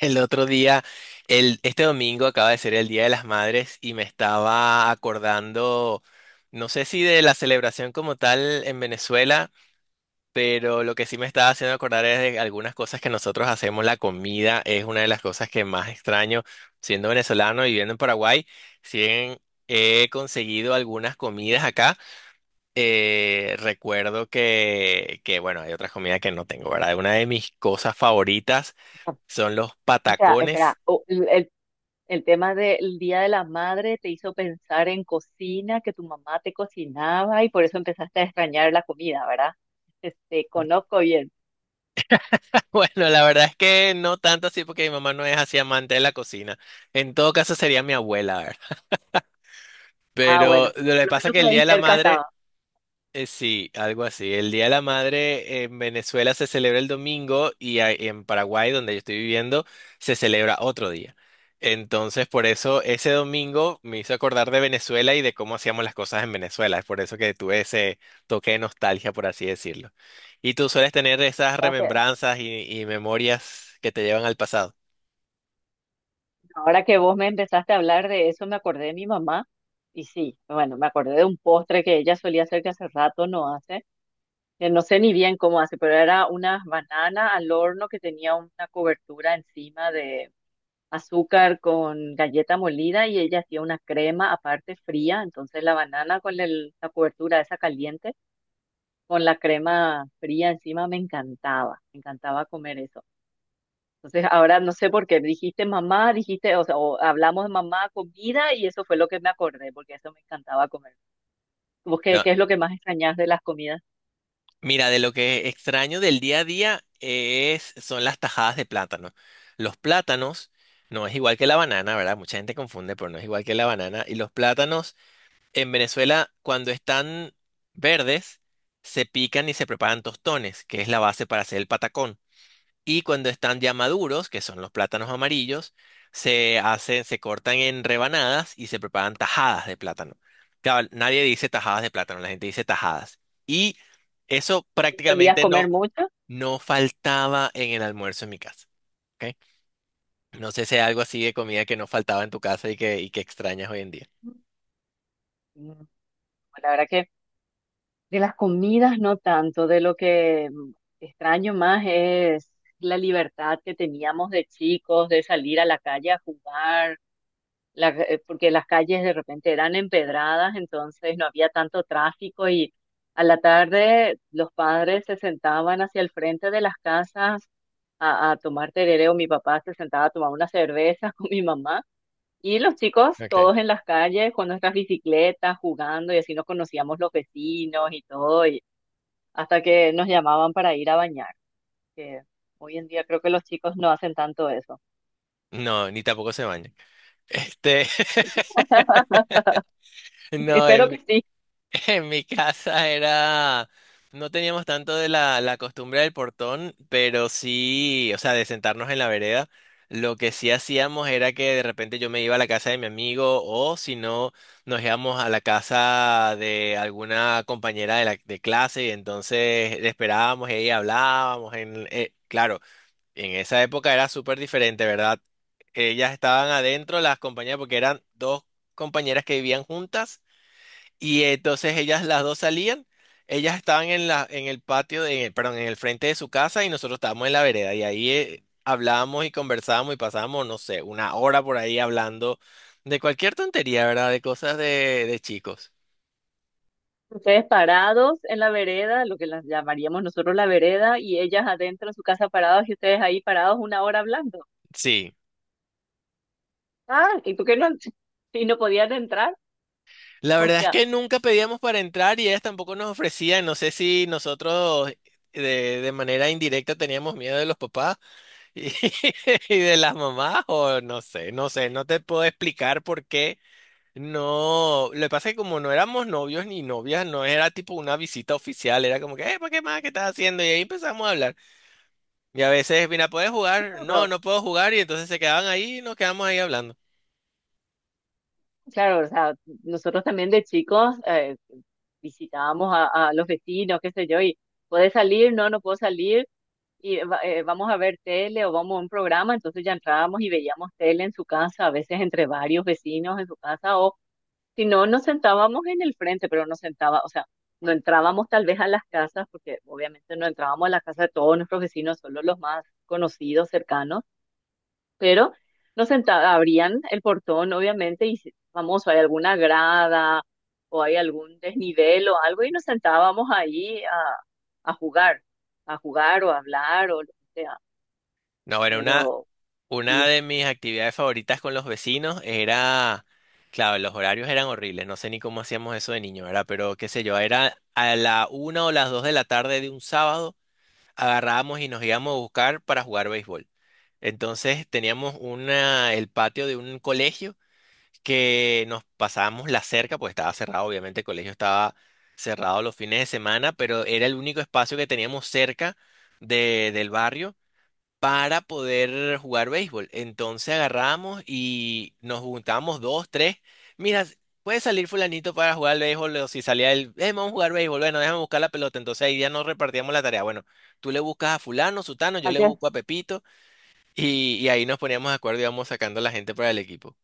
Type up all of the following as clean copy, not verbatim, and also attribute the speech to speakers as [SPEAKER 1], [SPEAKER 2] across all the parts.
[SPEAKER 1] El otro día, este domingo acaba de ser el Día de las Madres y me estaba acordando, no sé si de la celebración como tal en Venezuela, pero lo que sí me estaba haciendo acordar es de algunas cosas que nosotros hacemos. La comida es una de las cosas que más extraño, siendo venezolano y viviendo en Paraguay, si bien he conseguido algunas comidas acá. Recuerdo bueno, hay otras comidas que no tengo, ¿verdad? Una de mis cosas favoritas son los
[SPEAKER 2] O sea, espera,
[SPEAKER 1] patacones.
[SPEAKER 2] el tema del Día de la Madre te hizo pensar en cocina, que tu mamá te cocinaba y por eso empezaste a extrañar la comida, ¿verdad? Este, conozco bien.
[SPEAKER 1] Bueno, la verdad es que no tanto así porque mi mamá no es así amante de la cocina. En todo caso sería mi abuela, ¿verdad?
[SPEAKER 2] Ah,
[SPEAKER 1] Pero
[SPEAKER 2] bueno,
[SPEAKER 1] lo
[SPEAKER 2] por
[SPEAKER 1] que
[SPEAKER 2] lo
[SPEAKER 1] pasa es
[SPEAKER 2] menos
[SPEAKER 1] que
[SPEAKER 2] por
[SPEAKER 1] el Día
[SPEAKER 2] ahí
[SPEAKER 1] de la
[SPEAKER 2] cerca
[SPEAKER 1] Madre,
[SPEAKER 2] estaba.
[SPEAKER 1] sí, algo así. El Día de la Madre en Venezuela se celebra el domingo y en Paraguay, donde yo estoy viviendo, se celebra otro día. Entonces, por eso ese domingo me hizo acordar de Venezuela y de cómo hacíamos las cosas en Venezuela. Es por eso que tuve ese toque de nostalgia, por así decirlo. ¿Y tú sueles tener esas
[SPEAKER 2] Ya sé.
[SPEAKER 1] remembranzas y memorias que te llevan al pasado?
[SPEAKER 2] Ahora que vos me empezaste a hablar de eso, me acordé de mi mamá y sí, bueno, me acordé de un postre que ella solía hacer que hace rato no hace. Que No sé ni bien cómo hace, pero era una banana al horno que tenía una cobertura encima de azúcar con galleta molida y ella hacía una crema aparte fría, entonces la banana con la cobertura esa caliente, con la crema fría encima me encantaba comer eso. Entonces ahora no sé por qué dijiste mamá, dijiste, o sea, o hablamos de mamá, comida y eso fue lo que me acordé, porque eso me encantaba comer. ¿Vos qué, qué es lo que más extrañas de las comidas?
[SPEAKER 1] Mira, de lo que extraño del día a día es, son las tajadas de plátano. Los plátanos, no es igual que la banana, ¿verdad? Mucha gente confunde, pero no es igual que la banana. Y los plátanos en Venezuela, cuando están verdes, se pican y se preparan tostones, que es la base para hacer el patacón. Y cuando están ya maduros, que son los plátanos amarillos, se hacen, se cortan en rebanadas y se preparan tajadas de plátano. Claro, nadie dice tajadas de plátano, la gente dice tajadas. Y eso
[SPEAKER 2] ¿Solías
[SPEAKER 1] prácticamente no,
[SPEAKER 2] comer mucho?
[SPEAKER 1] no faltaba en el almuerzo en mi casa. ¿Ok? No sé si hay algo así de comida que no faltaba en tu casa y que extrañas hoy en día.
[SPEAKER 2] Mm, La verdad que de las comidas no tanto, de lo que extraño más es la libertad que teníamos de chicos, de salir a la calle a jugar, porque las calles de repente eran empedradas, entonces no había tanto tráfico y a la tarde los padres se sentaban hacia el frente de las casas a tomar tereré o mi papá se sentaba a tomar una cerveza con mi mamá. Y los chicos
[SPEAKER 1] Okay.
[SPEAKER 2] todos en las calles con nuestras bicicletas jugando y así nos conocíamos los vecinos y todo, y hasta que nos llamaban para ir a bañar, que hoy en día creo que los chicos no hacen tanto eso.
[SPEAKER 1] No, ni tampoco se bañan. Este, no,
[SPEAKER 2] Espero que
[SPEAKER 1] en
[SPEAKER 2] sí.
[SPEAKER 1] En mi casa era, no teníamos tanto de la costumbre del portón, pero sí, o sea, de sentarnos en la vereda. Lo que sí hacíamos era que de repente yo me iba a la casa de mi amigo o si no, nos íbamos a la casa de alguna compañera de clase y entonces le esperábamos y ahí hablábamos. Claro, en esa época era súper diferente, ¿verdad? Ellas estaban adentro, las compañeras, porque eran dos compañeras que vivían juntas y entonces ellas las dos salían, ellas estaban en en el patio, perdón, en el frente de su casa y nosotros estábamos en la vereda y ahí hablábamos y conversábamos y pasábamos, no sé, una hora por ahí hablando de cualquier tontería, ¿verdad? De cosas de chicos.
[SPEAKER 2] Ustedes parados en la vereda, lo que las llamaríamos nosotros la vereda, y ellas adentro en su casa parados y ustedes ahí parados una hora hablando.
[SPEAKER 1] Sí.
[SPEAKER 2] Ah, ¿y por qué no? Y no podían entrar.
[SPEAKER 1] La
[SPEAKER 2] O
[SPEAKER 1] verdad es
[SPEAKER 2] sea,
[SPEAKER 1] que nunca pedíamos para entrar y ellas tampoco nos ofrecían, no sé si nosotros de, de manera indirecta teníamos miedo de los papás y, y de las mamás o no sé, no sé, no te puedo explicar por qué. No, lo que pasa es que como no éramos novios ni novias, no era tipo una visita oficial, era como que, ¿para qué más? ¿Qué estás haciendo? Y ahí empezamos a hablar. Y a veces, mira, ¿puedes jugar? No,
[SPEAKER 2] bueno,
[SPEAKER 1] no puedo jugar. Y entonces se quedaban ahí y nos quedamos ahí hablando.
[SPEAKER 2] claro, o sea, nosotros también de chicos visitábamos a los vecinos, qué sé yo, y ¿puedes salir? No, no puedo salir y vamos a ver tele o vamos a un programa, entonces ya entrábamos y veíamos tele en su casa, a veces entre varios vecinos en su casa, o si no, nos sentábamos en el frente, pero nos sentaba, o sea, no entrábamos tal vez a las casas, porque obviamente no entrábamos a la casa de todos nuestros vecinos, solo los más conocidos, cercanos, pero nos sentaba, abrían el portón, obviamente, y famoso, hay alguna grada o hay algún desnivel o algo, y nos sentábamos ahí a jugar, a jugar o a hablar o lo que sea.
[SPEAKER 1] No, era una,
[SPEAKER 2] Pero
[SPEAKER 1] una
[SPEAKER 2] sí,
[SPEAKER 1] de mis actividades favoritas con los vecinos era, claro, los horarios eran horribles, no sé ni cómo hacíamos eso de niño, ¿verdad? Pero qué sé yo, era a la una o las dos de la tarde de un sábado, agarrábamos y nos íbamos a buscar para jugar béisbol. El patio de un colegio que nos pasábamos la cerca, pues estaba cerrado, obviamente el colegio estaba cerrado los fines de semana, pero era el único espacio que teníamos cerca del barrio para poder jugar béisbol. Entonces agarramos y nos juntábamos dos, tres. Mira, ¿puede salir fulanito para jugar al béisbol? O si salía él, vamos a jugar béisbol, bueno, déjame buscar la pelota". Entonces ahí ya nos repartíamos la tarea. Bueno, tú le buscas a fulano, sutano, yo le
[SPEAKER 2] acá,
[SPEAKER 1] busco a Pepito. Y ahí nos poníamos de acuerdo y íbamos sacando a la gente para el equipo.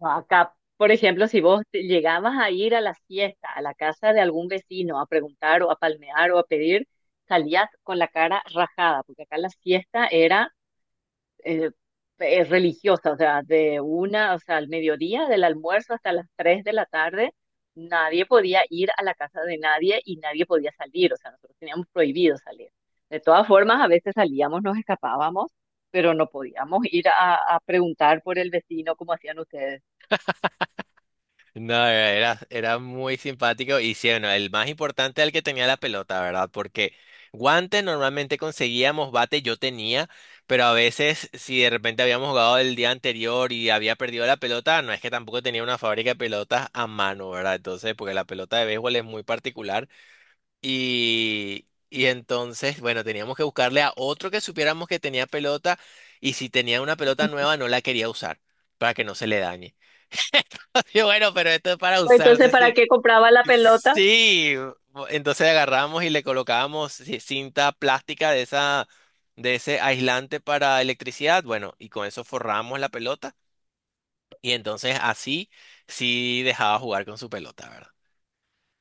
[SPEAKER 2] acá, por ejemplo, si vos llegabas a ir a la fiesta, a la casa de algún vecino, a preguntar o a palmear o a pedir, salías con la cara rajada, porque acá la fiesta era eh, religiosa, o sea, de una, o sea, al mediodía, del almuerzo hasta las 3 de la tarde, nadie podía ir a la casa de nadie y nadie podía salir, o sea, nosotros teníamos prohibido salir. De todas formas, a veces salíamos, nos escapábamos, pero no podíamos ir a preguntar por el vecino como hacían ustedes.
[SPEAKER 1] No, era, Era muy simpático y sí, bueno, el más importante era el que tenía la pelota, ¿verdad? Porque guantes normalmente conseguíamos, bate yo tenía, pero a veces si de repente habíamos jugado el día anterior y había perdido la pelota, no es que tampoco tenía una fábrica de pelotas a mano, ¿verdad? Entonces, porque la pelota de béisbol es muy particular. Y entonces, bueno, teníamos que buscarle a otro que supiéramos que tenía pelota y si tenía una pelota nueva no la quería usar para que no se le dañe. Y bueno, pero esto es para
[SPEAKER 2] Pues entonces,
[SPEAKER 1] usarse,
[SPEAKER 2] ¿para
[SPEAKER 1] sí.
[SPEAKER 2] qué compraba la pelota?
[SPEAKER 1] Sí, entonces agarramos y le colocábamos cinta plástica de esa, de ese aislante para electricidad, bueno, y con eso forramos la pelota y entonces así sí dejaba jugar con su pelota, ¿verdad?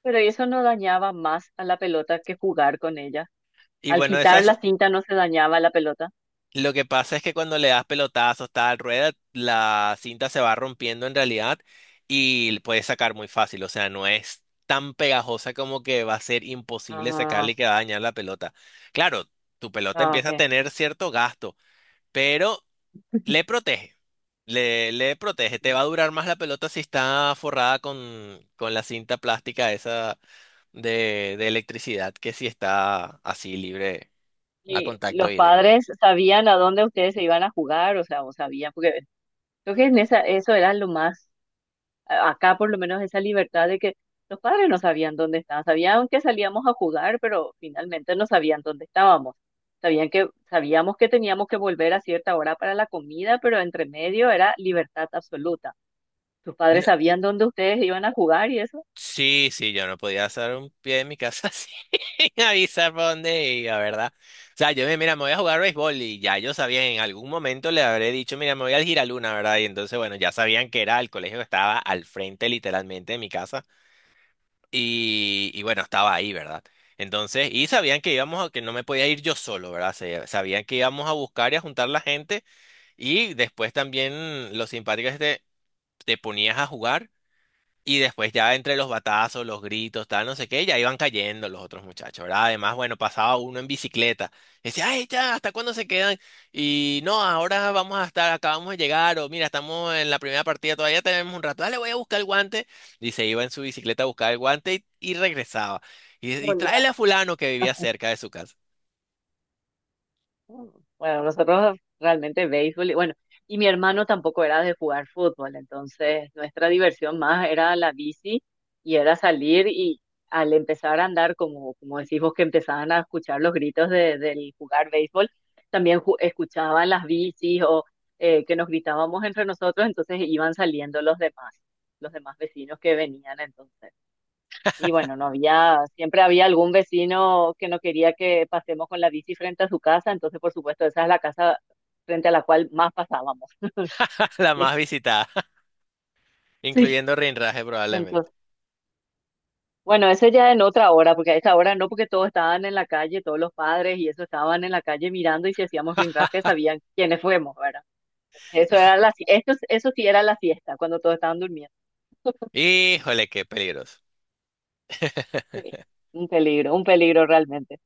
[SPEAKER 2] Pero eso no dañaba más a la pelota que jugar con ella.
[SPEAKER 1] Y
[SPEAKER 2] Al
[SPEAKER 1] bueno, esa
[SPEAKER 2] quitar la cinta no se dañaba la pelota.
[SPEAKER 1] Lo que pasa es que cuando le das pelotazos, tal rueda, la cinta se va rompiendo en realidad y le puedes sacar muy fácil. O sea, no es tan pegajosa como que va a ser imposible sacarle
[SPEAKER 2] Ah,
[SPEAKER 1] y que va a dañar la pelota. Claro, tu pelota
[SPEAKER 2] ah,
[SPEAKER 1] empieza a
[SPEAKER 2] ok.
[SPEAKER 1] tener cierto gasto, pero le protege. Le protege. Te va a durar más la pelota si está forrada con la cinta plástica esa de electricidad que si está así libre a
[SPEAKER 2] Y
[SPEAKER 1] contacto
[SPEAKER 2] los
[SPEAKER 1] directo.
[SPEAKER 2] padres sabían a dónde ustedes se iban a jugar, o sea, o sabían, porque creo que en esa, eso era lo más, acá por lo menos esa libertad de que los padres no sabían dónde estaban, sabían que salíamos a jugar, pero finalmente no sabían dónde estábamos. Sabían que, sabíamos que teníamos que volver a cierta hora para la comida, pero entre medio era libertad absoluta. Tus padres sabían dónde ustedes iban a jugar y eso.
[SPEAKER 1] Sí, sí, yo no podía hacer un pie en mi casa sin avisar por dónde iba, ¿verdad? O sea, mira, me voy a jugar béisbol y ya yo sabía, en algún momento le habré dicho, mira, me voy al Giraluna, ¿verdad? Y entonces, bueno, ya sabían que era el colegio que estaba al frente literalmente de mi casa y bueno, estaba ahí, ¿verdad? Entonces, y sabían que íbamos a, que no me podía ir yo solo, ¿verdad? Sabían que íbamos a buscar y a juntar la gente y después también lo simpático es que te ponías a jugar. Y después ya entre los batazos, los gritos, tal, no sé qué, ya iban cayendo los otros muchachos, ¿verdad? Además, bueno, pasaba uno en bicicleta y decía, ay, ya, ¿hasta cuándo se quedan? Y no, ahora vamos a estar, acabamos de llegar, o mira, estamos en la primera partida, todavía tenemos un rato, dale, voy a buscar el guante. Y se iba en su bicicleta a buscar el guante y regresaba. Y tráele a fulano que vivía cerca de su casa,
[SPEAKER 2] Bueno, nosotros realmente béisbol, y bueno, y mi hermano tampoco era de jugar fútbol, entonces nuestra diversión más era la bici y era salir y al empezar a andar, como, como decís vos, que empezaban a escuchar los gritos de, del jugar béisbol, también escuchaban las bicis o que nos gritábamos entre nosotros, entonces iban saliendo los demás vecinos que venían entonces. Y bueno, no había, siempre había algún vecino que no quería que pasemos con la bici frente a su casa, entonces por supuesto esa es la casa frente a la cual más pasábamos.
[SPEAKER 1] la
[SPEAKER 2] ¿sí?
[SPEAKER 1] más visitada,
[SPEAKER 2] Sí.
[SPEAKER 1] incluyendo Rinraje probablemente.
[SPEAKER 2] Entonces, bueno, eso ya en otra hora, porque a esa hora no, porque todos estaban en la calle, todos los padres y eso estaban en la calle mirando y si hacíamos rinraje sabían quiénes fuimos, ¿verdad? Eso era la, eso sí era la fiesta, cuando todos estaban durmiendo.
[SPEAKER 1] Híjole, qué peligroso.
[SPEAKER 2] Sí, un peligro realmente.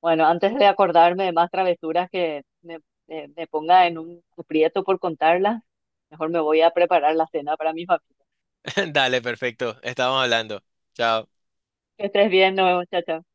[SPEAKER 2] Bueno, antes de acordarme de más travesuras que me, me ponga en un aprieto por contarlas, mejor me voy a preparar la cena para mi familia.
[SPEAKER 1] Dale, perfecto, estamos hablando. Chao.
[SPEAKER 2] Que estés bien, nos vemos, chao, chao.